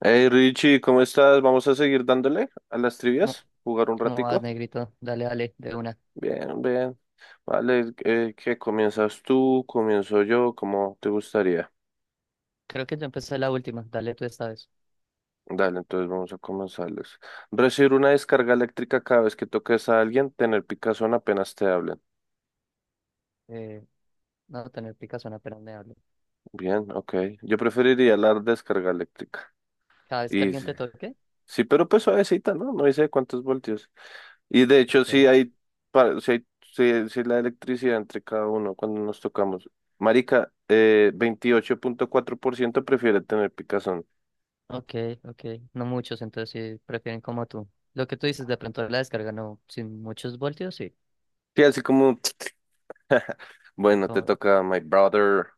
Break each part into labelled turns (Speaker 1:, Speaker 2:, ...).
Speaker 1: Hey Richie, ¿cómo estás? Vamos a seguir dándole a las
Speaker 2: ¿Cómo,
Speaker 1: trivias, jugar un
Speaker 2: cómo vas,
Speaker 1: ratico.
Speaker 2: negrito? Dale, dale, de una.
Speaker 1: Bien, bien. Vale, ¿qué comienzas tú? ¿Comienzo yo? ¿Cómo te gustaría?
Speaker 2: Creo que yo empecé la última. Dale tú esta vez.
Speaker 1: Dale, entonces vamos a comenzarles. Recibir una descarga eléctrica cada vez que toques a alguien, tener picazón apenas te hablen.
Speaker 2: Eh, no tener picazón apenas me hablo.
Speaker 1: Bien, ok. Yo preferiría la descarga eléctrica.
Speaker 2: Cada vez que
Speaker 1: Y
Speaker 2: alguien
Speaker 1: sí,
Speaker 2: te toque.
Speaker 1: sí, pero pues suavecita, ¿no? No dice cuántos voltios. Y de hecho, sí
Speaker 2: Ok.
Speaker 1: hay, sí hay, sí la electricidad entre cada uno cuando nos tocamos. Marica, 28,4% prefiere tener picazón.
Speaker 2: Ok, ok. No muchos, entonces sí prefieren como tú. Lo que tú dices de pronto la descarga, no. Sin muchos voltios, sí.
Speaker 1: Sí, así como, bueno, te
Speaker 2: No,
Speaker 1: toca My Brother.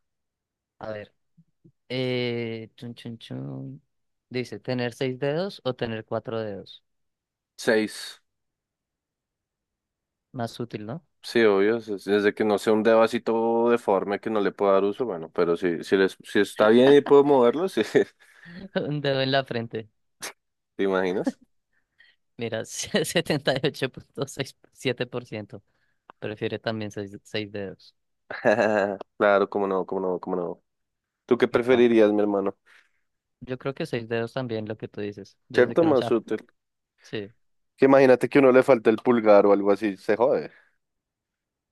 Speaker 2: a ver. Chun, chun, chun. Dice, ¿tener seis dedos o tener cuatro dedos?
Speaker 1: Seis.
Speaker 2: Más útil, ¿no?
Speaker 1: Sí, obvio, desde que no sea un dedo así todo deforme que no le pueda dar uso, bueno, pero si, si, les, si está bien y puedo moverlo, sí.
Speaker 2: Un dedo en la frente.
Speaker 1: ¿Te imaginas?
Speaker 2: Mira, 78,67%, prefiere también seis, seis dedos.
Speaker 1: Claro, cómo no, cómo no, cómo no. ¿Tú qué
Speaker 2: Epa.
Speaker 1: preferirías, mi hermano?
Speaker 2: Yo creo que seis dedos también, lo que tú dices, desde
Speaker 1: ¿Cierto,
Speaker 2: que no sea.
Speaker 1: Masute?
Speaker 2: Sí.
Speaker 1: Que imagínate que uno le falta el pulgar o algo así, se jode.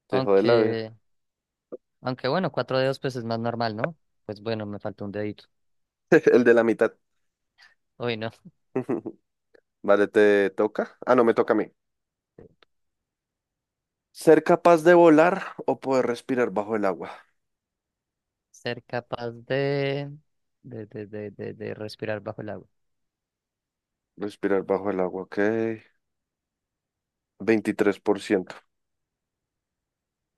Speaker 1: Te jode la vida.
Speaker 2: Aunque, aunque bueno, cuatro dedos pues es más normal, ¿no? Pues bueno, me faltó un dedito.
Speaker 1: El de la mitad.
Speaker 2: Hoy no.
Speaker 1: Vale, te toca. Ah, no, me toca a mí. Ser capaz de volar o poder respirar bajo el agua.
Speaker 2: Ser capaz de respirar bajo el agua.
Speaker 1: Respirar bajo el agua, ok. 23%.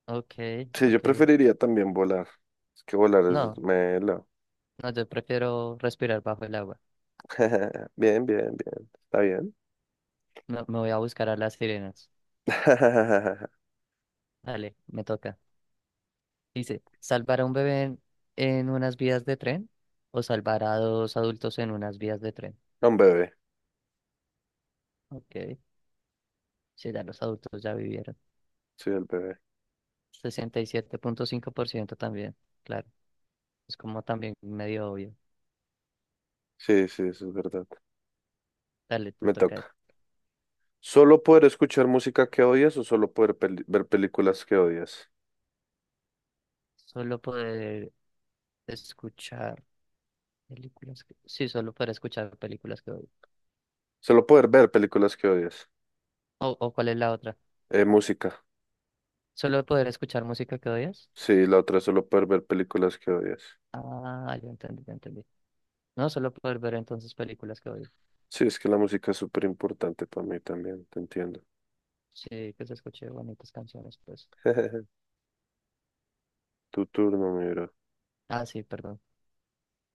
Speaker 2: Ok,
Speaker 1: Sí, yo
Speaker 2: ok.
Speaker 1: preferiría también volar. Es que volar es
Speaker 2: No,
Speaker 1: melo.
Speaker 2: no, yo prefiero respirar bajo el agua.
Speaker 1: Bien, bien, bien. ¿Está bien?
Speaker 2: No, me voy a buscar a las sirenas. Dale, me toca. Dice, ¿salvar a un bebé en unas vías de tren o salvar a dos adultos en unas vías de tren?
Speaker 1: Un bebé.
Speaker 2: Ok, si ya los adultos ya vivieron.
Speaker 1: Sí, el bebé.
Speaker 2: 67,5% también, claro. Es como también medio obvio.
Speaker 1: Sí, sí, eso es verdad.
Speaker 2: Dale, te
Speaker 1: Me
Speaker 2: toca.
Speaker 1: toca. ¿Solo poder escuchar música que odias o solo poder ver películas que odias?
Speaker 2: Solo poder escuchar películas que... Sí, solo poder escuchar películas que odio.
Speaker 1: Solo poder ver películas que odias.
Speaker 2: O, ¿cuál es la otra?
Speaker 1: Música.
Speaker 2: ¿Solo poder escuchar música que odias?
Speaker 1: Sí, la otra es solo poder ver películas que odias.
Speaker 2: Ah, ya entendí, ya entendí. No, solo poder ver entonces películas que odio.
Speaker 1: Sí, es que la música es súper importante para mí también, te entiendo.
Speaker 2: Sí, que se escuche bonitas canciones, pues.
Speaker 1: Tu turno, mi bro.
Speaker 2: Ah, sí, perdón.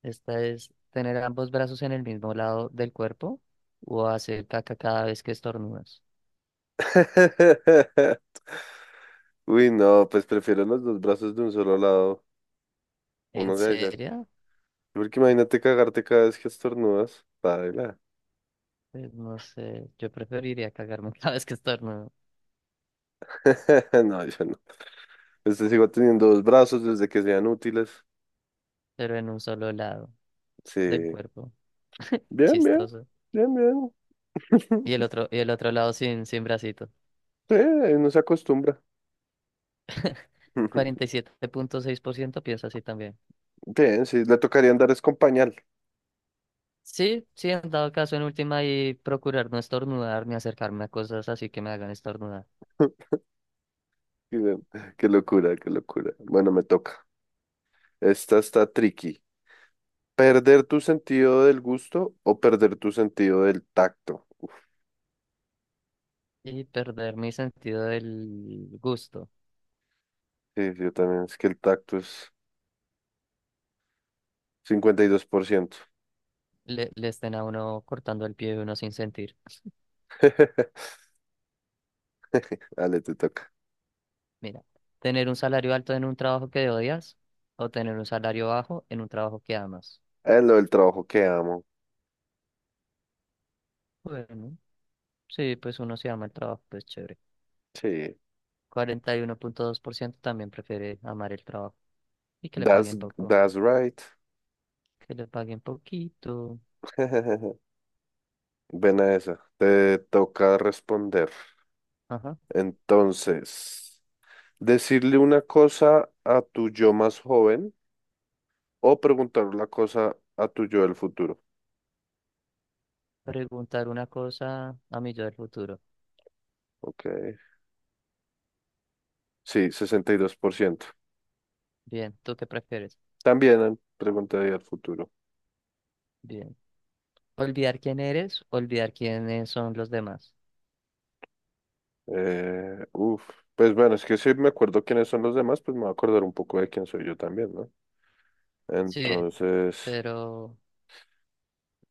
Speaker 2: Esta es tener ambos brazos en el mismo lado del cuerpo o hacer caca cada vez que estornudas.
Speaker 1: Uy, no, pues prefiero los dos brazos de un solo lado.
Speaker 2: ¿En
Speaker 1: Uno se dice,
Speaker 2: serio?
Speaker 1: porque imagínate cagarte cada vez que estornudas. Paila.
Speaker 2: Pues no sé, yo preferiría cagarme cada vez que estornudo,
Speaker 1: No, yo no. Este sigo teniendo dos brazos desde que sean útiles.
Speaker 2: pero en un solo lado del
Speaker 1: Sí.
Speaker 2: cuerpo.
Speaker 1: Bien, bien.
Speaker 2: Chistoso.
Speaker 1: Bien, bien.
Speaker 2: Y el otro, y el otro lado sin bracito.
Speaker 1: Sí, no se acostumbra.
Speaker 2: cuarenta y siete punto seis por ciento piensa así también.
Speaker 1: Bien, sí, le tocaría andar es con pañal.
Speaker 2: Sí, sí, en dado caso, en última, y procurar no estornudar ni acercarme a cosas así que me hagan estornudar.
Speaker 1: Qué, qué locura, qué locura. Bueno, me toca. Esta está tricky. ¿Perder tu sentido del gusto o perder tu sentido del tacto? Uf,
Speaker 2: Y perder mi sentido del gusto.
Speaker 1: sí, yo también. Es que el tacto es 52%.
Speaker 2: Le estén a uno cortando el pie de uno sin sentir.
Speaker 1: Dale, te toca.
Speaker 2: Mira, tener un salario alto en un trabajo que odias o tener un salario bajo en un trabajo que amas.
Speaker 1: Es lo del trabajo que amo.
Speaker 2: Bueno, sí, pues uno se ama el trabajo, pues chévere.
Speaker 1: Sí.
Speaker 2: 41,2% también prefiere amar el trabajo y que le
Speaker 1: That's,
Speaker 2: paguen poco,
Speaker 1: that's right.
Speaker 2: que le paguen poquito.
Speaker 1: Ven a esa. Te toca responder.
Speaker 2: Ajá.
Speaker 1: Entonces, decirle una cosa a tu yo más joven o preguntar una cosa a tu yo del futuro.
Speaker 2: Preguntar una cosa a mi yo del futuro.
Speaker 1: Ok. Sí, 62%.
Speaker 2: Bien, ¿tú qué prefieres?
Speaker 1: También preguntaría al futuro.
Speaker 2: Bien. Olvidar quién eres, olvidar quiénes son los demás.
Speaker 1: Uf. Pues bueno, es que si me acuerdo quiénes son los demás, pues me voy a acordar un poco de quién soy yo también, ¿no?
Speaker 2: Sí,
Speaker 1: Entonces,
Speaker 2: pero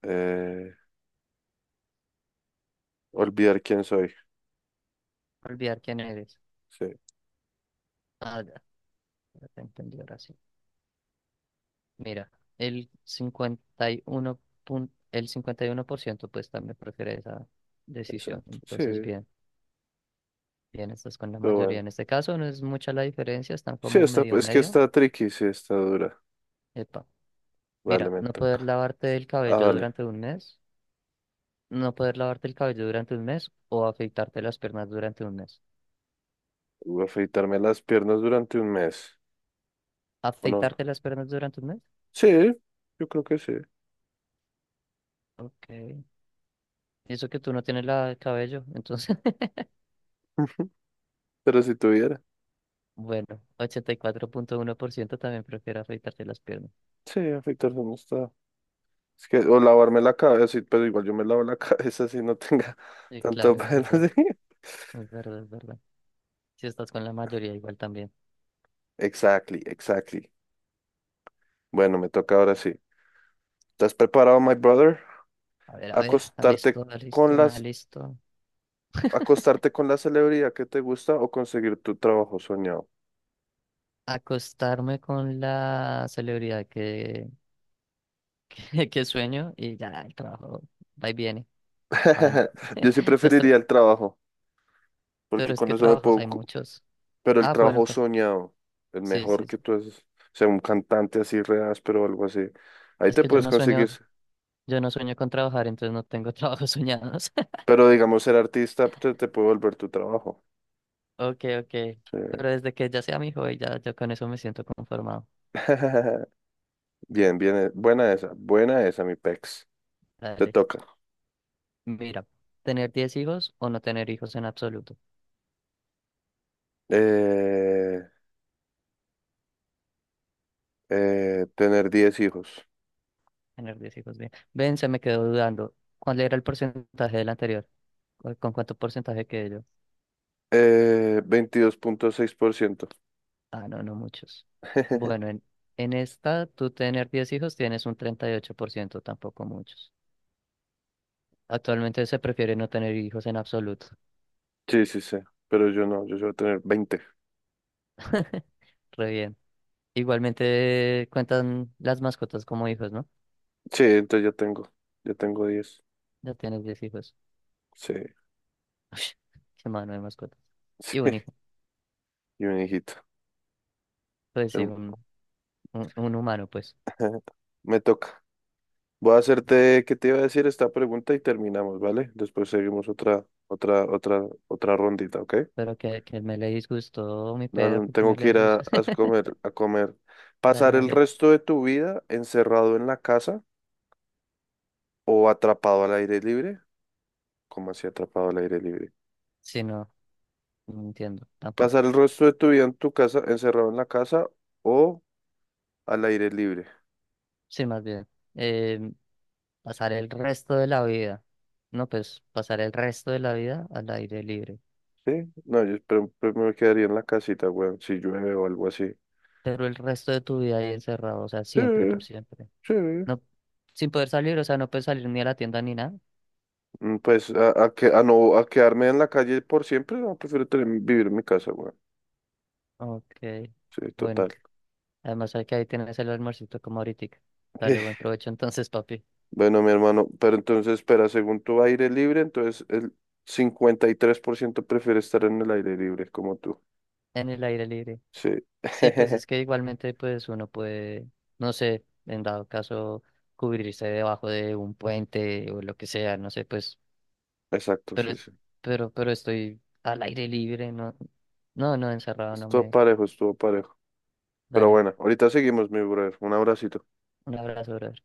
Speaker 1: eh, olvidar quién soy.
Speaker 2: olvidar quién eres.
Speaker 1: Sí,
Speaker 2: Ah, ya, ya te entendí ahora sí. Mira, el 51 el 51%, pues también prefiere esa decisión.
Speaker 1: exacto. Sí,
Speaker 2: Entonces, bien, bien, estás con la
Speaker 1: pero
Speaker 2: mayoría.
Speaker 1: bueno.
Speaker 2: En este caso no es mucha la diferencia, están
Speaker 1: Sí,
Speaker 2: como
Speaker 1: está,
Speaker 2: medio
Speaker 1: es que
Speaker 2: medio.
Speaker 1: está tricky, sí, está dura.
Speaker 2: Epa,
Speaker 1: Vale,
Speaker 2: mira,
Speaker 1: me
Speaker 2: no poder
Speaker 1: toca.
Speaker 2: lavarte el
Speaker 1: Ah,
Speaker 2: cabello
Speaker 1: dale.
Speaker 2: durante un mes, no poder lavarte el cabello durante un mes o afeitarte las piernas durante un mes.
Speaker 1: Voy a afeitarme las piernas durante un mes. ¿O no?
Speaker 2: ¿Afeitarte las piernas durante un mes?
Speaker 1: Sí, yo creo que sí.
Speaker 2: Ok. Y eso que tú no tienes la el cabello, entonces,
Speaker 1: Pero si tuviera.
Speaker 2: bueno, 84,1% también prefiere afeitarte las piernas.
Speaker 1: Sí, afeitarse no está. Es que, o lavarme la cabeza, sí, pero igual yo me lavo la cabeza si no tenga
Speaker 2: Sí,
Speaker 1: tanto
Speaker 2: claro, es
Speaker 1: pelo
Speaker 2: verdad.
Speaker 1: así.
Speaker 2: Es verdad, es verdad. Si estás con la mayoría, igual también.
Speaker 1: Exactly, exactly. Bueno, me toca ahora sí. ¿Estás preparado, my brother?
Speaker 2: A ver,
Speaker 1: Acostarte
Speaker 2: alisto,
Speaker 1: con
Speaker 2: alisto, me
Speaker 1: las,
Speaker 2: alisto.
Speaker 1: acostarte con la celebridad que te gusta o conseguir tu trabajo soñado.
Speaker 2: Acostarme con la celebridad que sueño y ya el trabajo va y viene. Van
Speaker 1: Yo sí
Speaker 2: los tra-
Speaker 1: preferiría el trabajo, porque
Speaker 2: Pero es
Speaker 1: con
Speaker 2: que
Speaker 1: eso me
Speaker 2: trabajos
Speaker 1: puedo,
Speaker 2: hay muchos.
Speaker 1: pero el
Speaker 2: Ah, bueno,
Speaker 1: trabajo
Speaker 2: con-
Speaker 1: soñado, el
Speaker 2: Sí,
Speaker 1: mejor
Speaker 2: sí, sí.
Speaker 1: que tú es, sea, un cantante así re áspero algo así. Ahí
Speaker 2: Es
Speaker 1: te
Speaker 2: que
Speaker 1: puedes conseguir,
Speaker 2: yo no sueño con trabajar, entonces no tengo trabajos soñados.
Speaker 1: pero digamos ser artista te, te puede volver tu trabajo.
Speaker 2: Ok, ok.
Speaker 1: Sí.
Speaker 2: Pero desde que ya sea mi hobby, ya yo con eso me siento conformado.
Speaker 1: Bien, bien, buena esa, mi pex. Te
Speaker 2: Dale.
Speaker 1: toca.
Speaker 2: Mira, ¿tener 10 hijos o no tener hijos en absoluto?
Speaker 1: Eh, tener 10 hijos.
Speaker 2: Tener 10 hijos, bien. Ven, se me quedó dudando. ¿Cuál era el porcentaje del anterior? ¿Con cuánto porcentaje quedé yo?
Speaker 1: Veintidós punto seis por ciento.
Speaker 2: Ah, no, no muchos. Bueno, en esta, tú tener 10 hijos tienes un 38% tampoco muchos. Actualmente se prefiere no tener hijos en absoluto.
Speaker 1: Sí, sí, sí, pero yo no, yo voy a tener 20.
Speaker 2: Re bien. Igualmente cuentan las mascotas como hijos, ¿no?
Speaker 1: Sí, entonces ya tengo 10.
Speaker 2: Ya tienes 10 hijos.
Speaker 1: Sí,
Speaker 2: Qué mano de mascotas.
Speaker 1: sí,
Speaker 2: Y un hijo.
Speaker 1: y un hijito.
Speaker 2: Pues sí,
Speaker 1: El-
Speaker 2: un humano, pues.
Speaker 1: Me toca. Voy a hacerte, ¿qué te iba a decir esta pregunta y terminamos, ¿vale? Después seguimos otra, otra, otra, otra rondita, ¿ok?
Speaker 2: Pero que me le disgustó mi
Speaker 1: No,
Speaker 2: perro,
Speaker 1: no,
Speaker 2: que
Speaker 1: tengo
Speaker 2: me le
Speaker 1: que ir a,
Speaker 2: disgustó.
Speaker 1: a comer, a comer.
Speaker 2: Dale,
Speaker 1: ¿Pasar el
Speaker 2: dale.
Speaker 1: resto de tu vida encerrado en la casa o atrapado al aire libre? ¿Cómo así atrapado al aire libre?
Speaker 2: Sí, no, no entiendo
Speaker 1: ¿Pasar
Speaker 2: tampoco.
Speaker 1: el resto de tu vida en tu casa, encerrado en la casa o al aire libre?
Speaker 2: Sí, más bien, eh, pasar el resto de la vida, no, pues pasar el resto de la vida al aire libre,
Speaker 1: ¿Sí? No, yo espero- pues me quedaría en la casita, weón, si llueve o algo así.
Speaker 2: pero el resto de tu vida ahí encerrado, o sea,
Speaker 1: Sí,
Speaker 2: siempre, por siempre.
Speaker 1: sí.
Speaker 2: No, sin poder salir, o sea, no puedes salir ni a la tienda ni nada.
Speaker 1: Mm, pues a, que, a no a quedarme en la calle por siempre, no, prefiero tener- vivir en mi casa, weón.
Speaker 2: Ok,
Speaker 1: Sí, total.
Speaker 2: bueno, además hay que ahí tienes el almuercito como ahorita. Dale, buen provecho entonces, papi,
Speaker 1: Bueno, mi hermano, pero entonces espera, según tu aire libre, entonces el 53% prefiere estar en el aire libre, como tú.
Speaker 2: en el aire libre.
Speaker 1: Sí,
Speaker 2: Sí, pues es que igualmente pues uno puede, no sé, en dado caso cubrirse debajo de un puente o lo que sea, no sé, pues,
Speaker 1: exacto,
Speaker 2: pero
Speaker 1: sí,
Speaker 2: es-
Speaker 1: sí.
Speaker 2: pero pero estoy al aire libre, no, no, no encerrado, no
Speaker 1: Estuvo
Speaker 2: me,
Speaker 1: parejo, estuvo parejo. Pero
Speaker 2: dale,
Speaker 1: bueno, ahorita seguimos, mi brother. Un abracito.
Speaker 2: un abrazo, brother.